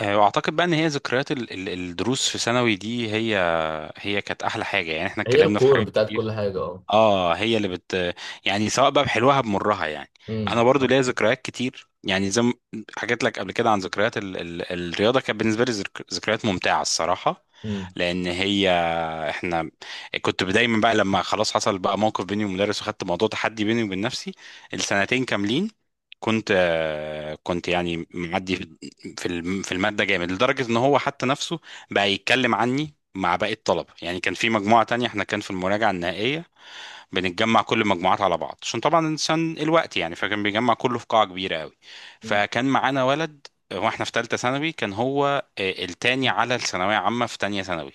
واعتقد بقى ان هي ذكريات الدروس في ثانوي دي هي كانت احلى حاجه. يعني احنا هي اتكلمنا في الكور حاجات بتاعت كل كتير. حاجة. اه. اه هي اللي بت يعني سواء بقى بحلوها بمرها يعني. انا برضو صح. ليا ذكريات كتير، يعني زي ما حكيت لك قبل كده عن ذكريات الرياضه. كانت بالنسبه لي ذكريات ممتعه الصراحه. امم. لان هي احنا كنت دايما بقى لما خلاص حصل بقى موقف بيني ومدرس، وخدت موضوع تحدي بيني وبين نفسي السنتين كاملين. كنت يعني معدي في المادة جامد، لدرجة ان هو حتى نفسه بقى يتكلم عني مع باقي الطلبة. يعني كان في مجموعة تانية، احنا كان في المراجعة النهائية بنتجمع كل المجموعات على بعض، عشان طبعا الانسان الوقت يعني، فكان بيجمع كله في قاعة كبيرة قوي. مم. فكان معانا ولد، واحنا في ثالثة ثانوي كان هو التاني على الثانوية عامة في تانية ثانوي.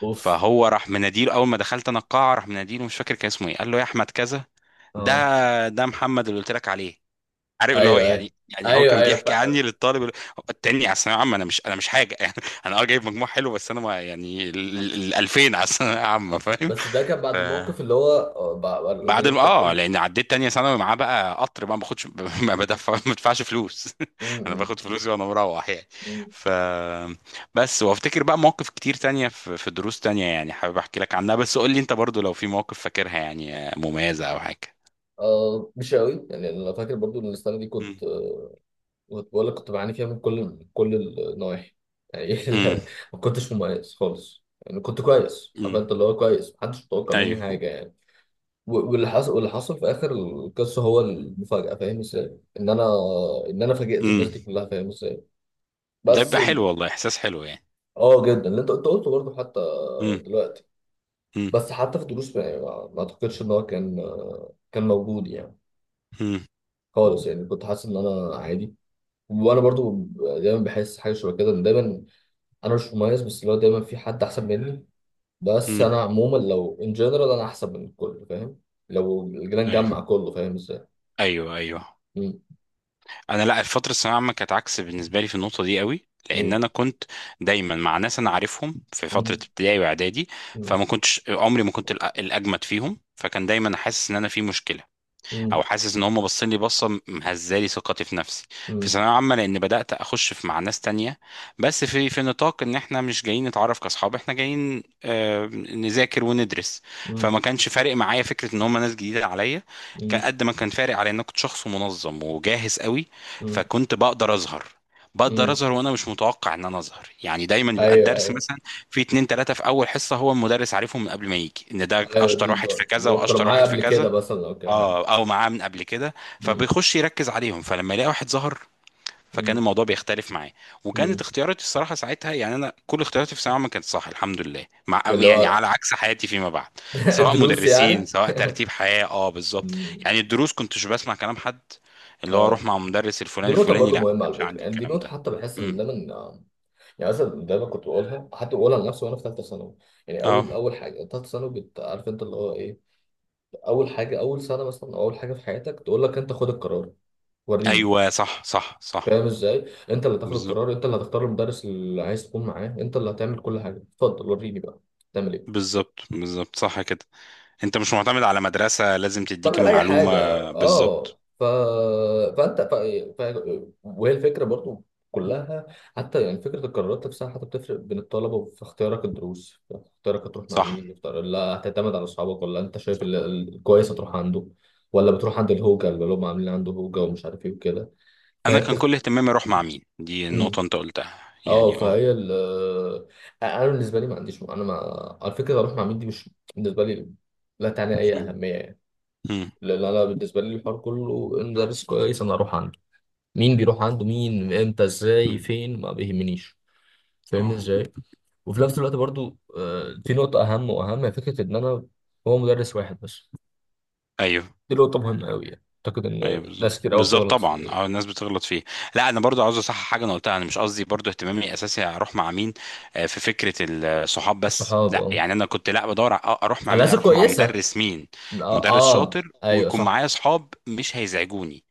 اوف. فهو راح مناديله اول ما دخلت انا القاعه، راح مناديله، مش فاكر كان اسمه ايه، قال له يا احمد كذا، اه. ده ده محمد اللي قلت لك عليه. عارف اللي هو، ايوه، ايوه. يعني هو ايوه كان ايوه بيحكي عني فعلا. للطالب اللي- التاني على الثانويه عامه. انا مش، انا مش حاجه يعني. انا اه جايب مجموع حلو، بس انا ما يعني 2000 على الثانويه عامه فاهم. بس ده كان ف... بعد الموقف اللي هو بعد لما بعد ما جبت اه 40. لان عديت تانية ثانوي معاه بقى، قطر بقى ما باخدش ما بدفعش فلوس انا امم. باخد فلوسي وانا مروح يعني. امم. ف بس وافتكر بقى مواقف كتير تانية في دروس تانية، يعني حابب احكي لك عنها، بس قول لي انت برضو لو في مواقف فاكرها يعني مميزة او حاجة. مش قوي يعني، انا فاكر برضو ان السنه دي مم. كنت، كنت بقول لك كنت بعاني فيها من كل النواحي، يعني مم. لا، ما كنتش مميز خالص، يعني كنت كويس، عارف مم. انت اللي هو كويس، محدش متوقع مني ايوه. حاجه يعني. واللي حصل في اخر القصه هو المفاجاه، فاهم ازاي؟ ان انا، ان انا فاجئت مم. الناس دي كلها، فاهم ازاي؟ ده بس بيبقى حلو ال- والله، احساس حلو يعني. اه جدا، اللي انت قلته برضه حتى مم. دلوقتي. مم. بس حتى في الدروس، ما اعتقدش ان هو كان، موجود يعني مم. خالص، يعني كنت حاسس ان انا عادي. وانا برضو دايما بحس حاجه شبه كده، ان دايما انا مش مميز، بس اللي هو دايما في حد احسن مني. بس مم. انا عموما لو ان جنرال انا احسن من الكل، فاهم؟ لو جينا ايوه نجمع كله، فاهم ازاي؟ ايوه ايوه. مم. انا لا، الفتره الثانويه العامه كانت عكس بالنسبه لي في النقطه دي قوي، لان مم. انا كنت دايما مع ناس انا عارفهم في فتره مم. ابتدائي واعدادي. مم. فما كنتش عمري ما كنت الاجمد فيهم، فكان دايما حاسس ان انا في مشكله، مم. او حاسس ان هم باصين لي بصه مهزالي ثقتي في نفسي في مم. ثانويه عامه. لان بدات اخش في مع ناس تانية، بس في في نطاق ان احنا مش جايين نتعرف كاصحاب، احنا جايين نذاكر وندرس. مم. فما كانش فارق معايا فكره ان هم ناس جديده عليا، كان مم. قد ما كان فارق على ان انا كنت شخص منظم وجاهز قوي. مم. فكنت بقدر اظهر، مم. وانا مش متوقع ان انا اظهر. يعني دايما بيبقى ايوه، الدرس ايوه، مثلا في اتنين تلاتة في اول حصة، هو المدرس عارفهم من قبل ما يجي، ان ده ايوه. اشطر دي واحد في كذا لو كانوا واشطر معايا واحد في قبل كده كذا، مثلا، او كده حاجه. اه او معاه من قبل كده، مم. فبيخش يركز عليهم. فلما يلاقي واحد ظهر فكان مم. الموضوع بيختلف معاه. وكانت مم. اختياراتي الصراحه ساعتها، يعني انا كل اختياراتي في ثانويه عامه كانت صح الحمد لله، مع اللي يعني هو على عكس حياتي فيما بعد، سواء دروس مدرسين يعني. سواء ترتيب حياه اه بالظبط. مم. يعني الدروس كنتش بسمع كلام حد، اللي هو اروح اه، مع مدرس دي الفلاني نقطة الفلاني، برضو لا ما مهمة على كانش فكرة، عندي يعني دي الكلام نقطة ده. حتى بحس ان امم دايما، يعني مثلا دايما كنت بقولها، حتى بقولها لنفسي وانا في ثالثة ثانوي، يعني اه اول حاجة ثالثة ثانوي، عارف انت اللي هو ايه؟ اول حاجة، اول سنة مثلا، أو اول حاجة في حياتك تقول لك انت خد القرار، وريني، ايوه صح صح صح. فاهم ازاي؟ انت اللي تاخد بالظبط القرار، انت اللي هتختار المدرس اللي عايز تكون معاه، انت اللي هتعمل كل حاجه، اتفضل وريني بقى تعمل ايه؟ بالظبط صح كده. انت مش معتمد على مدرسه لازم تديك تعمل اي المعلومه. حاجه. بالظبط اه. ف... فانت ف... ف... وهي الفكره برضو كلها، حتى يعني فكره القرارات نفسها، حتى بتفرق بين الطلبه، في اختيارك الدروس، في اختيارك هتروح مع صح مين، لا، هتعتمد على اصحابك، ولا انت شايف صح. الكويس هتروح عنده، ولا بتروح عند الهوجه اللي هم عاملين عنده هوجه، ومش عارف ايه وكده. فهي انا كان بتخت... كل اهتمامي اروح مع مين، دي النقطه انت قلتها، اه يعني اه. فهي ال انا بالنسبه لي ما عنديش، انا ما على فكره اروح مع مين، دي مش بالنسبه لي، لا تعني اي مم. اهميه يعني. مم. لان انا بالنسبه لي، الحوار كله المدرس كويس انا اروح عنده، مين بيروح عنده، مين امتى، ازاي، مم. فين، ما بيهمنيش، فاهمني اه ازاي؟ وفي نفس الوقت برضو، في نقطه اهم واهم، هي فكره ان انا، هو مدرس واحد بس، ايوه دي نقطه مهمه قوي، يعني اعتقد ان ايوه بالظبط ناس كتير قوي بالظبط بتغلط طبعا في اه، الناس بتغلط فيه. لا انا برضو عاوز اصحح حاجه انا قلتها، انا مش قصدي برضو اهتمامي اساسي اروح مع مين. في فكره الصحاب بس الصحاب، لا اه. يعني. انا كنت لا بدور اروح مع على مين، اساس اروح مع كويسه. مدرس مين، اه، مدرس شاطر ايوه ويكون صح. معايا صحاب مش هيزعجوني.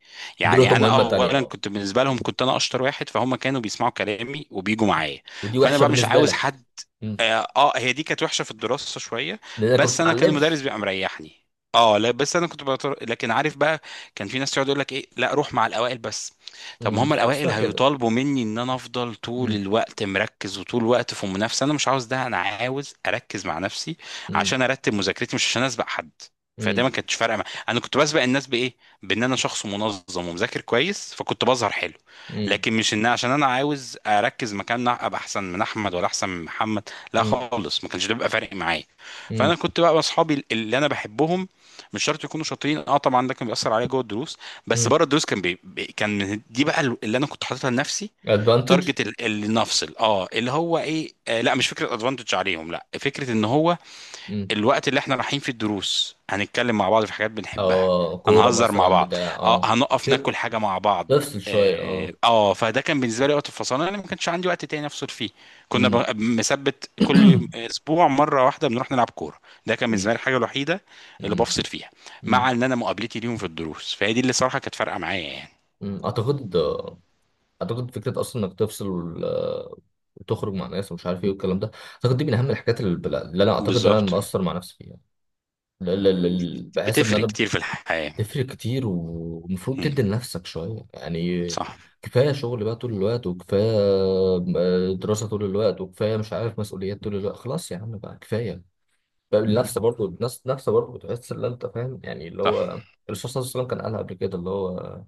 دي نقطه يعني انا مهمه تانيه اولا اه. كنت بالنسبه لهم كنت انا اشطر واحد، فهم كانوا بيسمعوا كلامي وبيجوا معايا. ودي فانا وحشه بقى مش بالنسبه عاوز لك. حد. مم. اه هي دي كانت وحشه في الدراسه شويه، لانك ما بس انا كان المدرس بتتعلمش. بيبقى مريحني. اه لا بس انا كنت بطر... لكن عارف بقى، كان في ناس تقعد يقول لك ايه، لا روح مع الاوائل بس. طب مم. ما هم مش حاجه الاوائل اسمها كده. هيطالبوا مني ان انا افضل طول مم. الوقت مركز وطول الوقت في منافسه، انا مش عاوز ده، انا عاوز اركز مع نفسي مم. عشان ارتب مذاكرتي، مش عشان اسبق حد. فده ما مم. كانتش فارقه مع... انا كنت بسبق الناس بايه؟ بان انا شخص منظم ومذاكر كويس، فكنت بظهر حلو. مم. لكن مش ان عشان انا عاوز اركز مكان ابقى احسن من احمد ولا احسن من محمد، لا مم. خالص ما كانش ده بيبقى فارق معايا. مم. فانا كنت بقى اصحابي اللي انا بحبهم، مش شرط يكونوا شاطرين. اه طبعا ده كان بيأثر عليا جوه الدروس، بس مم. بره الدروس كان دي بقى اللي انا كنت حاططها لنفسي. advantage. تارجت اللي نفصل، اه اللي هو ايه، آه لا مش فكره ادفانتج عليهم، لا فكره ان هو مم. الوقت اللي احنا رايحين فيه الدروس هنتكلم مع بعض في حاجات بنحبها، اه كوره هنهزر مع مثلا بعض، بتاع اه اه. هنقف ناكل ت- حاجة مع بعض. تفصل شويه اه اه. فده كان بالنسبة لي وقت الفصل، انا ما كانش عندي وقت تاني افصل فيه. كنا مم. مثبت كل اسبوع مرة واحدة بنروح نلعب كورة، ده كان مم. بالنسبة لي الحاجة الوحيدة اللي مم. بفصل فيها. مم. مع ان انا مقابلتي ليهم في الدروس، فهي دي اللي صراحة كانت فارقة معايا يعني. مم. اعتقد، اعتقد فكره اصلا انك تفصل، وتخرج مع ناس ومش عارف ايه والكلام ده، اعتقد دي من اهم الحاجات اللي، اللي انا اعتقد انا بالظبط. مقصر مع نفسي فيها. بحس ان بتفرق انا كتير في الحياة. تفرق كتير، ومفروض مم. تدي لنفسك شوية يعني. صح. كفاية شغل بقى طول الوقت، وكفاية دراسة طول الوقت، وكفاية مش عارف مسؤوليات طول الوقت، خلاص يا عم بقى كفاية. بقى النفس برضه، النفس نفسه برضه بتحس ان انت فاهم يعني، اللي صح هو الرسول صلى الله عليه وسلم كان قالها قبل كده، اللي هو،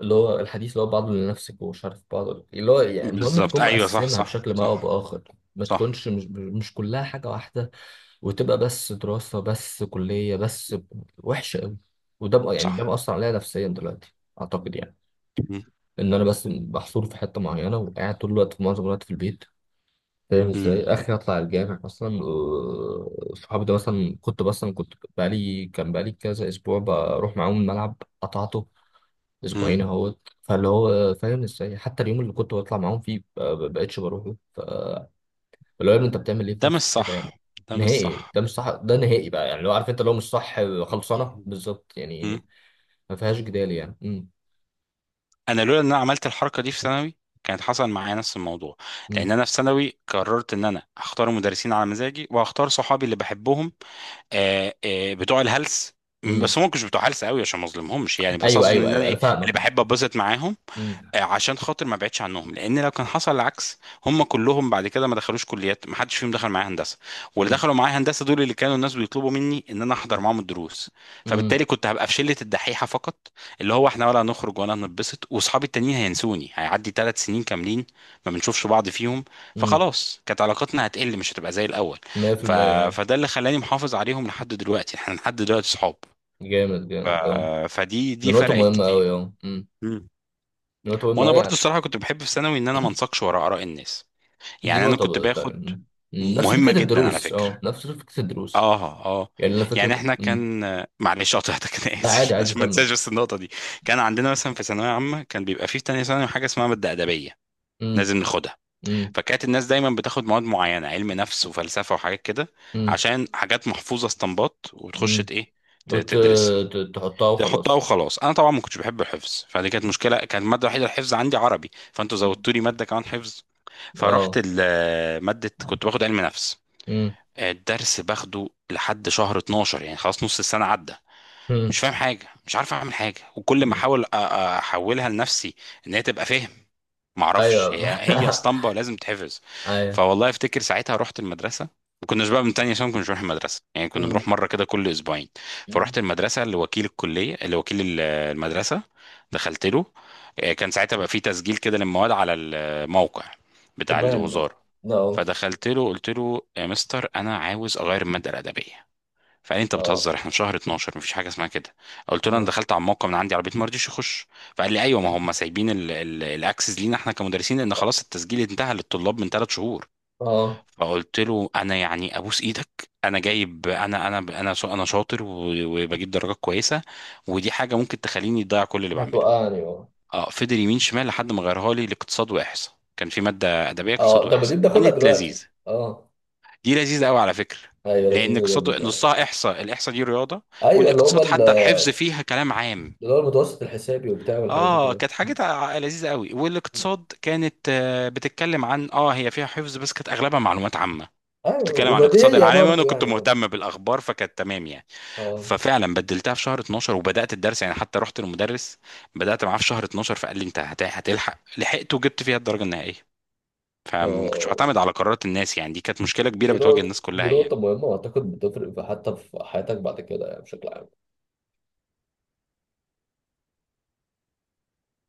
اللي هو الحديث اللي هو، بعضه لنفسك، ومش عارف، بعضه اللي هو، يعني المهم بالظبط تكون ايوه صح مقسمها صح بشكل ما او صح. باخر. ما صح تكونش مش، مش كلها حاجة واحدة. وتبقى بس دراسة، بس كلية، وحشة أوي. وده بقى يعني صح. ده مأثر عليا نفسيا دلوقتي، أعتقد يعني، مم. إن أنا بس محصور في حتة معينة، وقاعد طول الوقت، في معظم الوقت في البيت، فاهم مم. إزاي؟ آخر أطلع الجامع أصلا، صحابي ده مثلا، كنت مثلا كنت بقالي، كان بقالي كذا أسبوع بروح معاهم الملعب. قطعته مم. أسبوعين أهوت. فاللي هو فاهم إزاي حتى اليوم اللي كنت بطلع معاهم فيه، بقيتش بروحه. اللي هو يا ابني انت بتعمل ايه في ده مش نفسك كده صح، يا ابني؟ ده مش نهائي صح. ده مش صح. ده نهائي بقى، يعني لو عارف انت لو مش صح، خلصانه بالظبط مم. يعني، ما فيهاش جدال يعني. امم. انا لولا ان انا عملت الحركه دي في ثانوي كانت حصل معايا نفس الموضوع. لان امم. انا في ثانوي قررت ان انا اختار مدرسين على مزاجي واختار صحابي اللي بحبهم. بتوع الهلس، امم. بس هم مش بتوع هلس قوي عشان ما اظلمهمش يعني، بس ايوه اقصد ايوه ان انا ايوه، انا ايه، اللي فاهمك اهو. بحب ابسط معاهم. امم. عشان خاطر ما ابعدش عنهم، لان لو كان حصل العكس، هم كلهم بعد كده ما دخلوش كليات، ما حدش فيهم دخل معايا هندسه، واللي امم. دخلوا معايا هندسه دول اللي كانوا الناس بيطلبوا مني ان انا احضر معاهم الدروس. امم. فبالتالي كنت هبقى في شله الدحيحه فقط، اللي هو احنا ولا هنخرج ولا هنتبسط، واصحابي التانيين هينسوني، هيعدي ثلاث سنين كاملين ما بنشوفش بعض فيهم، امم. فخلاص كانت علاقتنا هتقل، مش هتبقى زي الاول. ف... 100% اهو. فده اللي خلاني محافظ عليهم لحد دلوقتي، احنا لحد دلوقتي صحاب. جامد ف... جامد اهو. فدي دي دي نقطه فرقت مهمه كتير. قوي اهو، امم. مم. دي نقطه مهمه وانا قوي برضو يعني. الصراحه كنت بحب في ثانوي ان انا ما انساقش ورا اراء الناس. دي يعني انا نقطه كنت بقى تانية، باخد، امم. نفس مهمه فكره جدا على الدروس فكره، اه، نفس فكره الدروس. اه اه، يعني انا يعني فكره، احنا كان، معلش قطعتك انا لا عادي اسف عادي عشان ما كمل. انساش بس النقطه دي. كان عندنا مثلا في ثانويه عامه كان بيبقى فيه في تانية ثانوي حاجه اسمها ماده ادبيه امم. لازم ناخدها. امم. فكانت الناس دايما بتاخد مواد معينه، علم نفس وفلسفه وحاجات كده، امم. عشان حاجات محفوظه استنباط وتخش امم. ايه وت- تدرسها، تحطها تحطها وخلاص. وخلاص. انا طبعا ما كنتش بحب الحفظ، فدي كانت مشكله، كانت الماده الوحيده الحفظ عندي عربي، فانتوا امم. زودتوا لي ماده كمان حفظ. فرحت اه. ماده كنت باخد علم نفس، امم. الدرس باخده لحد شهر 12 يعني خلاص نص السنه عدى. امم. مش فاهم حاجه، مش عارف اعمل حاجه، وكل ما أمم. احاول احولها لنفسي ان هي تبقى فهم، معرفش، ايوه هي اسطمبة لازم تحفظ. ايوه. فوالله افتكر ساعتها رحت المدرسة، ما كناش بقى من تانية عشان ما كناش بنروح المدرسة، يعني كنا امم. بنروح مرة كده كل أسبوعين. فرحت المدرسة لوكيل الكلية، لوكيل المدرسة، دخلت له. كان ساعتها بقى في تسجيل كده للمواد على الموقع بتاع تبان. الوزارة. اه. فدخلت له قلت له يا مستر أنا عاوز أغير المادة الأدبية. فقال لي انت اه. بتهزر، احنا في شهر 12 مفيش حاجه اسمها كده. قلت له انا اه. دخلت على الموقع من عندي على البيت ما رضيش يخش. فقال لي ايوه ما هم سايبين الاكسس لينا احنا كمدرسين، لان خلاص التسجيل انتهى للطلاب من ثلاث شهور. اه. فقلت له انا يعني ابوس ايدك، انا جايب، انا شاطر وبجيب درجات كويسه، ودي حاجه ممكن تخليني اضيع كل اللي بعمله. هتوقعني اه. اه فضل يمين شمال لحد ما غيرها لي لاقتصاد واحصاء، كان في ماده ادبيه اقتصاد اه، طب ما دي واحصاء بناخدها كانت دلوقتي. لذيذه. اه. دي لذيذة قوي على فكرة، ايوه لأن لذيذه جدا اقتصاد فعلا. نصها إحصاء، الإحصاء دي رياضة، ايوه اللي هم والاقتصاد حتى الحفظ فيها كلام عام. اللي هو المتوسط الحسابي وبتاع والحاجات دي اه كلها. كانت حاجة أمم. لذيذة قوي. والاقتصاد كانت بتتكلم عن اه، هي فيها حفظ بس كانت أغلبها معلومات عامة، ايوه بتتكلم عن الاقتصاد وبديهية العالمي، وانا برضه كنت يعني. اه. مهتم بالاخبار فكانت تمام يعني. اه. ففعلا بدلتها في شهر 12 وبدات الدرس، يعني حتى رحت للمدرس بدات معاه في شهر 12، فقال لي انت هتلحق، لحقت وجبت فيها الدرجه النهائيه. فما كنتش اه. بعتمد على قرارات الناس، يعني دي كانت مشكله دي كبيره بتواجه نقطة، الناس دي كلها نقطة يعني. مهمة، وأعتقد بتفرق حتى في حياتك بعد كده يعني بشكل عام.